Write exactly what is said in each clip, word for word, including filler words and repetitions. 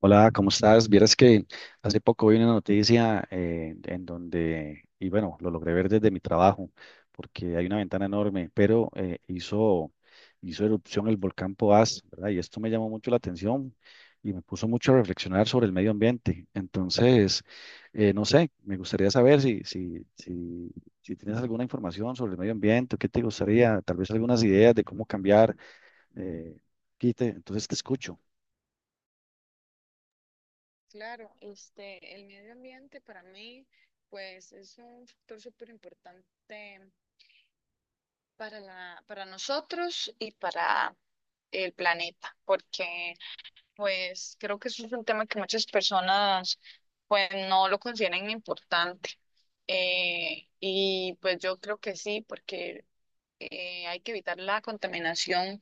Hola, ¿cómo estás? Vieras que hace poco vi una noticia eh, en donde, y bueno, lo logré ver desde mi trabajo, porque hay una ventana enorme, pero eh, hizo, hizo erupción el volcán Poás, ¿verdad? Y esto me llamó mucho la atención y me puso mucho a reflexionar sobre el medio ambiente. Entonces, eh, no sé, me gustaría saber si, si, si, si tienes alguna información sobre el medio ambiente, o qué te gustaría, tal vez algunas ideas de cómo cambiar, eh, quite, entonces te escucho. Claro, este, el medio ambiente para mí, pues es un factor súper importante para la, para nosotros y para el planeta, porque pues creo que eso es un tema que muchas personas pues no lo consideran importante. Eh, y pues yo creo que sí, porque eh, hay que evitar la contaminación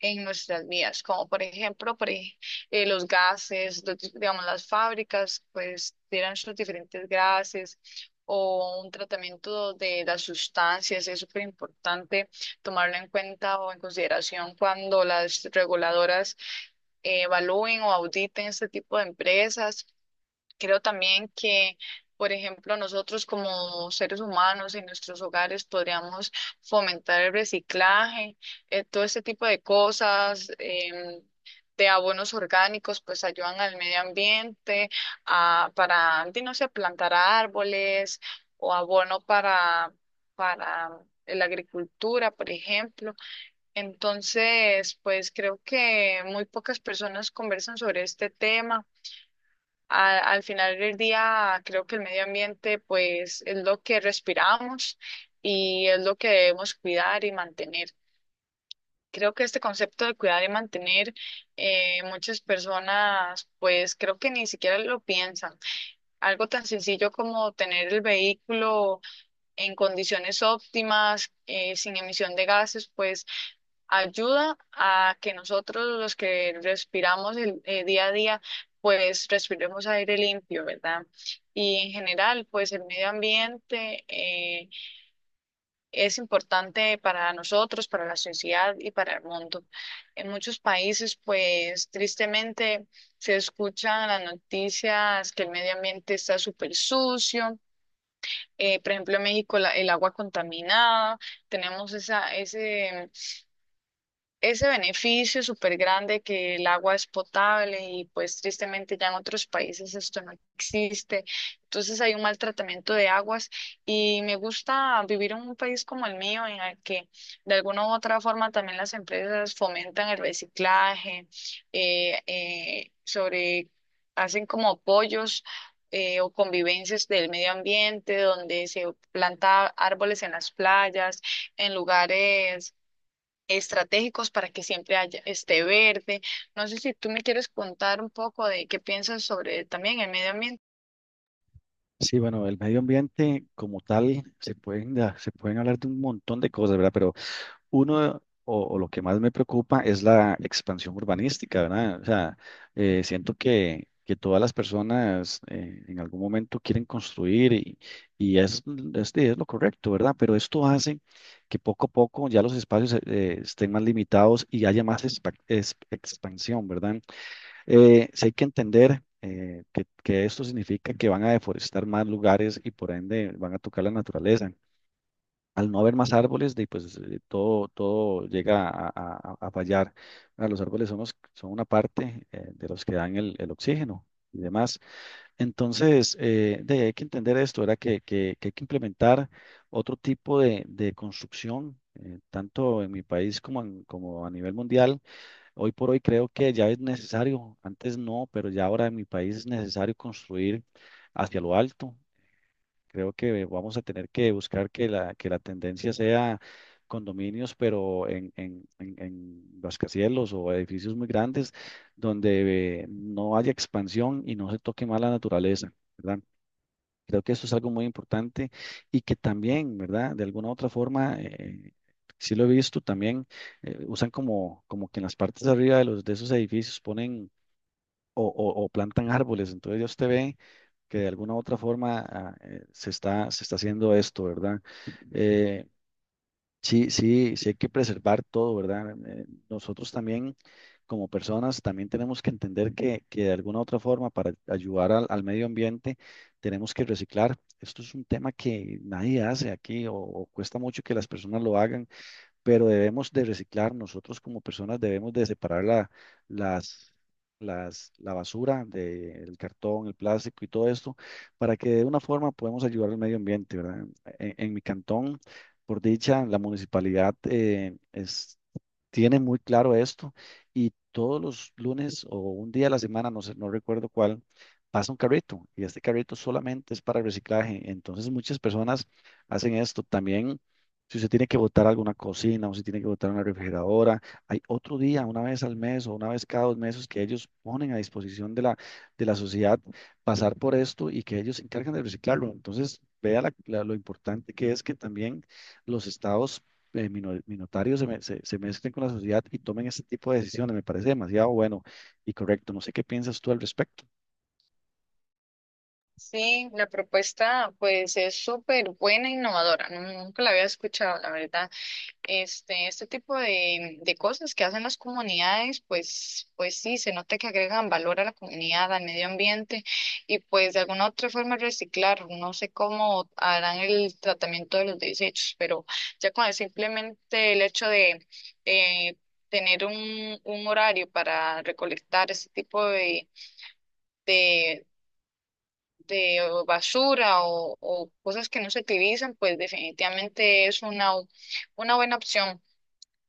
en nuestras vidas, como por ejemplo por ej- eh, los gases, los di- digamos, las fábricas pues tiran sus diferentes gases o un tratamiento de las sustancias. Es súper importante tomarlo en cuenta o en consideración cuando las reguladoras eh, evalúen o auditen este tipo de empresas. Creo también que, por ejemplo, nosotros como seres humanos en nuestros hogares podríamos fomentar el reciclaje, eh, todo este tipo de cosas, em, de abonos orgánicos, pues ayudan al medio ambiente, a, para, di, no sé, plantar árboles o abono para, para la agricultura, por ejemplo. Entonces, pues creo que muy pocas personas conversan sobre este tema. A- al final del día, creo que el medio ambiente pues es lo que respiramos y es lo que debemos cuidar y mantener. Creo que este concepto de cuidar y mantener, eh, muchas personas, pues, creo que ni siquiera lo piensan. Algo tan sencillo como tener el vehículo en condiciones óptimas, eh, sin emisión de gases, pues ayuda a que nosotros los que respiramos el eh, día a día, pues respiremos aire limpio, ¿verdad? Y en general, pues el medio ambiente eh, es importante para nosotros, para la sociedad y para el mundo. En muchos países, pues tristemente, se escuchan las noticias que el medio ambiente está súper sucio. Eh, por ejemplo, en México, la- el agua contaminada. Tenemos esa, ese, ese beneficio súper grande, que el agua es potable, y pues tristemente ya en otros países esto no existe. Entonces, hay un maltratamiento de aguas, y me gusta vivir en un país como el mío, en el que de alguna u otra forma también las empresas fomentan el reciclaje, eh, eh, sobre, hacen como apoyos, eh, o convivencias del medio ambiente, donde se planta árboles en las playas, en lugares estratégicos, para que siempre haya esté verde. No sé si tú me quieres contar un poco de qué piensas sobre también el medio ambiente. Sí, bueno, el medio ambiente como tal, se pueden, da- se pueden hablar de un montón de cosas, ¿verdad? Pero uno o, o lo que más me preocupa es la expansión urbanística, ¿verdad? O sea, eh, siento que, que todas las personas eh, en algún momento quieren construir y, y es, es, es lo correcto, ¿verdad? Pero esto hace que poco a poco ya los espacios eh, estén más limitados y haya más espa- es- expansión, ¿verdad? Eh, sí hay que entender eh, que, que esto significa que van a deforestar más lugares y por ende van a tocar la naturaleza. Al no haber más árboles, de, pues eh, todo, todo llega a, a- a fallar. Ah, los árboles son, los- son una parte eh, de los que dan el, el oxígeno y demás. Entonces, eh, de, hay que entender esto, era que, que- que hay que implementar otro tipo de, de construcción, eh, tanto en mi país como, en- como a nivel mundial. Hoy por hoy creo que ya es necesario, antes no, pero ya ahora en mi país es necesario construir hacia lo alto. Creo que vamos a tener que buscar que la, que la tendencia sea condominios, pero en, en, en, en rascacielos o edificios muy grandes donde eh, no haya expansión y no se toque más la naturaleza, ¿verdad? Creo que eso es algo muy importante y que también, ¿verdad? De alguna u otra forma, eh, sí lo he visto también, eh, usan como, como que en las partes de arriba de los, de esos edificios ponen o, o- o plantan árboles. Entonces ya usted ve que de alguna u otra forma ah, eh, se está, se está haciendo esto, ¿verdad? Sí, sí, sí hay que preservar todo, ¿verdad? Eh, Nosotros también, como personas, también tenemos que entender que, que de alguna u otra forma, para ayudar al, al medio ambiente, tenemos que reciclar. Esto es un tema que nadie hace aquí o, o cuesta mucho que las personas lo hagan, pero debemos de reciclar, nosotros como personas debemos de separar la, las, las, la basura del cartón, el plástico y todo esto, para que de una forma podamos ayudar al medio ambiente, ¿verdad? En, en mi cantón, por dicha, la municipalidad eh, es tiene muy claro esto y todos los lunes o un día a la semana, no sé, no recuerdo cuál, pasa un carrito y este carrito solamente es para reciclaje. Entonces muchas personas hacen esto también. Si usted tiene que botar alguna cocina o si tiene que botar una refrigeradora, hay otro día, una vez al mes o una vez cada dos meses que ellos ponen a disposición de la, de la sociedad pasar por esto y que ellos se encargan de reciclarlo. Entonces, vea la- la- lo importante que es que también los estados eh, mino- minotarios se, me- se, se mezclen con la sociedad y tomen ese tipo de decisiones. Me parece demasiado bueno y correcto. No sé qué piensas tú al respecto. Sí, la propuesta pues es súper buena e innovadora. Nunca la había escuchado, la verdad. Este, este tipo de, de cosas que hacen las comunidades, pues, pues sí, se nota que agregan valor a la comunidad, al medio ambiente, y pues de alguna otra forma reciclar. No sé cómo harán el tratamiento de los desechos, pero ya con el- simplemente el hecho de eh, tener un, un horario para recolectar ese tipo de, de, de basura, o, o cosas que no se utilizan, pues definitivamente es una, una buena opción.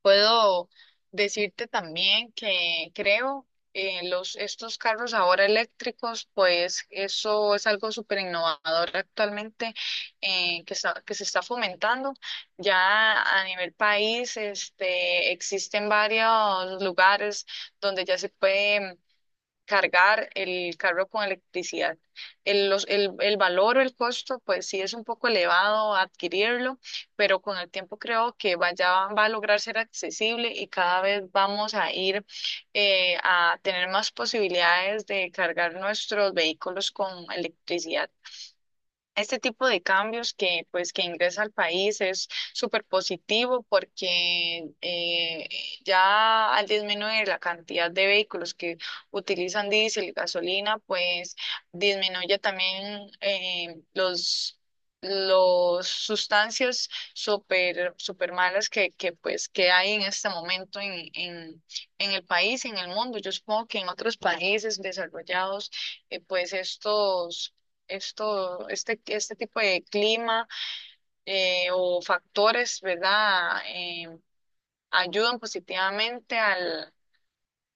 Puedo decirte también que creo eh, los, estos carros ahora eléctricos, pues eso es algo súper innovador actualmente, eh, que está- que se está fomentando. Ya a nivel país, este, existen varios lugares donde ya se puede cargar el carro con electricidad. El, los- el, el valor o el costo, pues sí es un poco elevado adquirirlo, pero con el tiempo creo que vaya, va a lograr ser accesible, y cada vez vamos a ir eh, a tener más posibilidades de cargar nuestros vehículos con electricidad. Este tipo de cambios que, pues, que ingresa al país, es súper positivo, porque eh, ya al disminuir la cantidad de vehículos que utilizan diésel y gasolina, pues disminuye también eh, los, los sustancias súper súper malas que, que, pues, que hay en este momento en, en, en el país, en el mundo. Yo supongo que en otros países desarrollados, eh, pues estos esto, este, este tipo de clima eh, o factores, ¿verdad? Eh, ayudan positivamente al,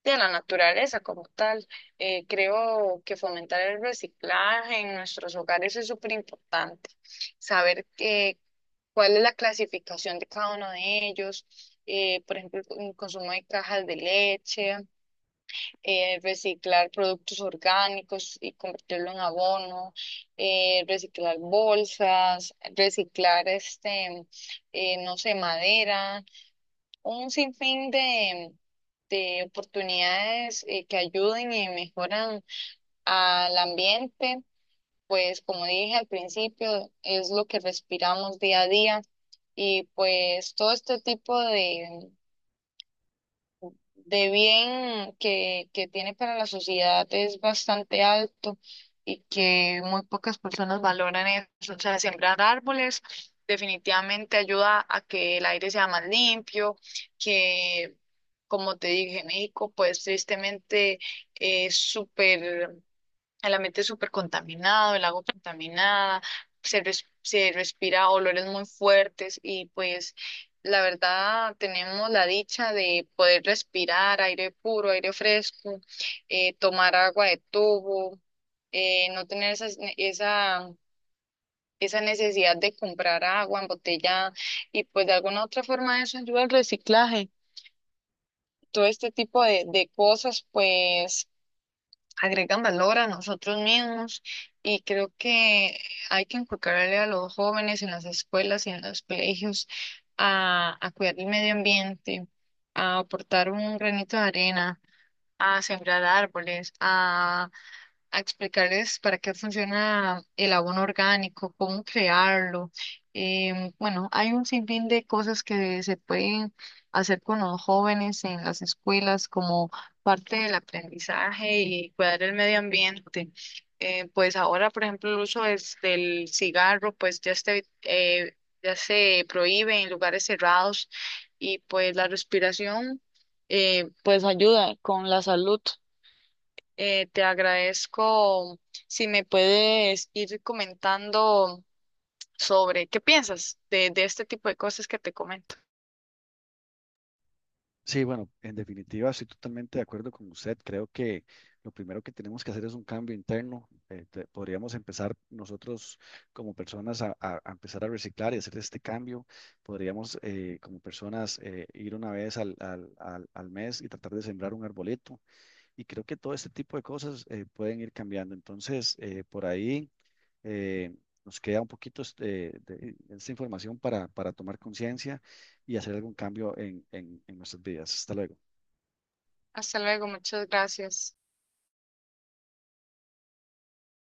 de a la naturaleza como tal. Eh, creo que fomentar el reciclaje en nuestros hogares es súper importante. Saber que, cuál es la clasificación de cada uno de ellos. Eh, por ejemplo, el consumo de cajas de leche, eh, reciclar productos orgánicos y convertirlo en abono, eh, reciclar bolsas, reciclar este, eh, no sé, madera, un sinfín de, de oportunidades eh, que ayuden y mejoran al ambiente. Pues como dije al principio, es lo que respiramos día a día, y pues todo este tipo de de bien que, que tiene para la sociedad, es bastante alto, y que muy pocas personas valoran eso. O sea, sembrar árboles definitivamente ayuda a que el aire sea más limpio, que, como te dije, México, pues tristemente es súper, el ambiente es súper contaminado, el agua contaminada, se, res- se respira olores muy fuertes, y pues la verdad tenemos la dicha de poder respirar aire puro, aire fresco, eh, tomar agua de tubo, eh, no tener esas- esa, esa necesidad de comprar agua embotellada, y pues de alguna u otra forma eso ayuda al reciclaje. Todo este tipo de, de cosas, pues agregan valor a nosotros mismos, y creo que hay que inculcarle a los jóvenes en las escuelas y en los colegios a, a cuidar el medio ambiente, a aportar un granito de arena, a sembrar árboles, a a explicarles para qué funciona el abono orgánico, cómo crearlo. Em, bueno, hay un sinfín de cosas que se pueden hacer con los jóvenes en las escuelas como parte del aprendizaje y cuidar el medio ambiente. Eh, pues ahora, por ejemplo, el uso es del cigarro, pues ya este, eh, ya se prohíbe en lugares cerrados, y pues la respiración, eh, pues ayuda con la salud. Eh, te agradezco si me puedes ir comentando sobre qué piensas de, de este tipo de cosas que te comento. Sí, bueno, en definitiva estoy totalmente de acuerdo con usted. Creo que lo primero que tenemos que hacer es un cambio interno. Eh, te- podríamos empezar nosotros como personas a, a- a empezar a reciclar y hacer este cambio. Podríamos eh, como personas eh, ir una vez al, al, al, al mes y tratar de sembrar un arbolito. Y creo que todo este tipo de cosas eh, pueden ir cambiando. Entonces, eh, por ahí eh, nos queda un poquito este, de, esta información para, para tomar conciencia y hacer algún cambio en, en en nuestras vidas. Hasta luego. Hasta luego, muchas gracias.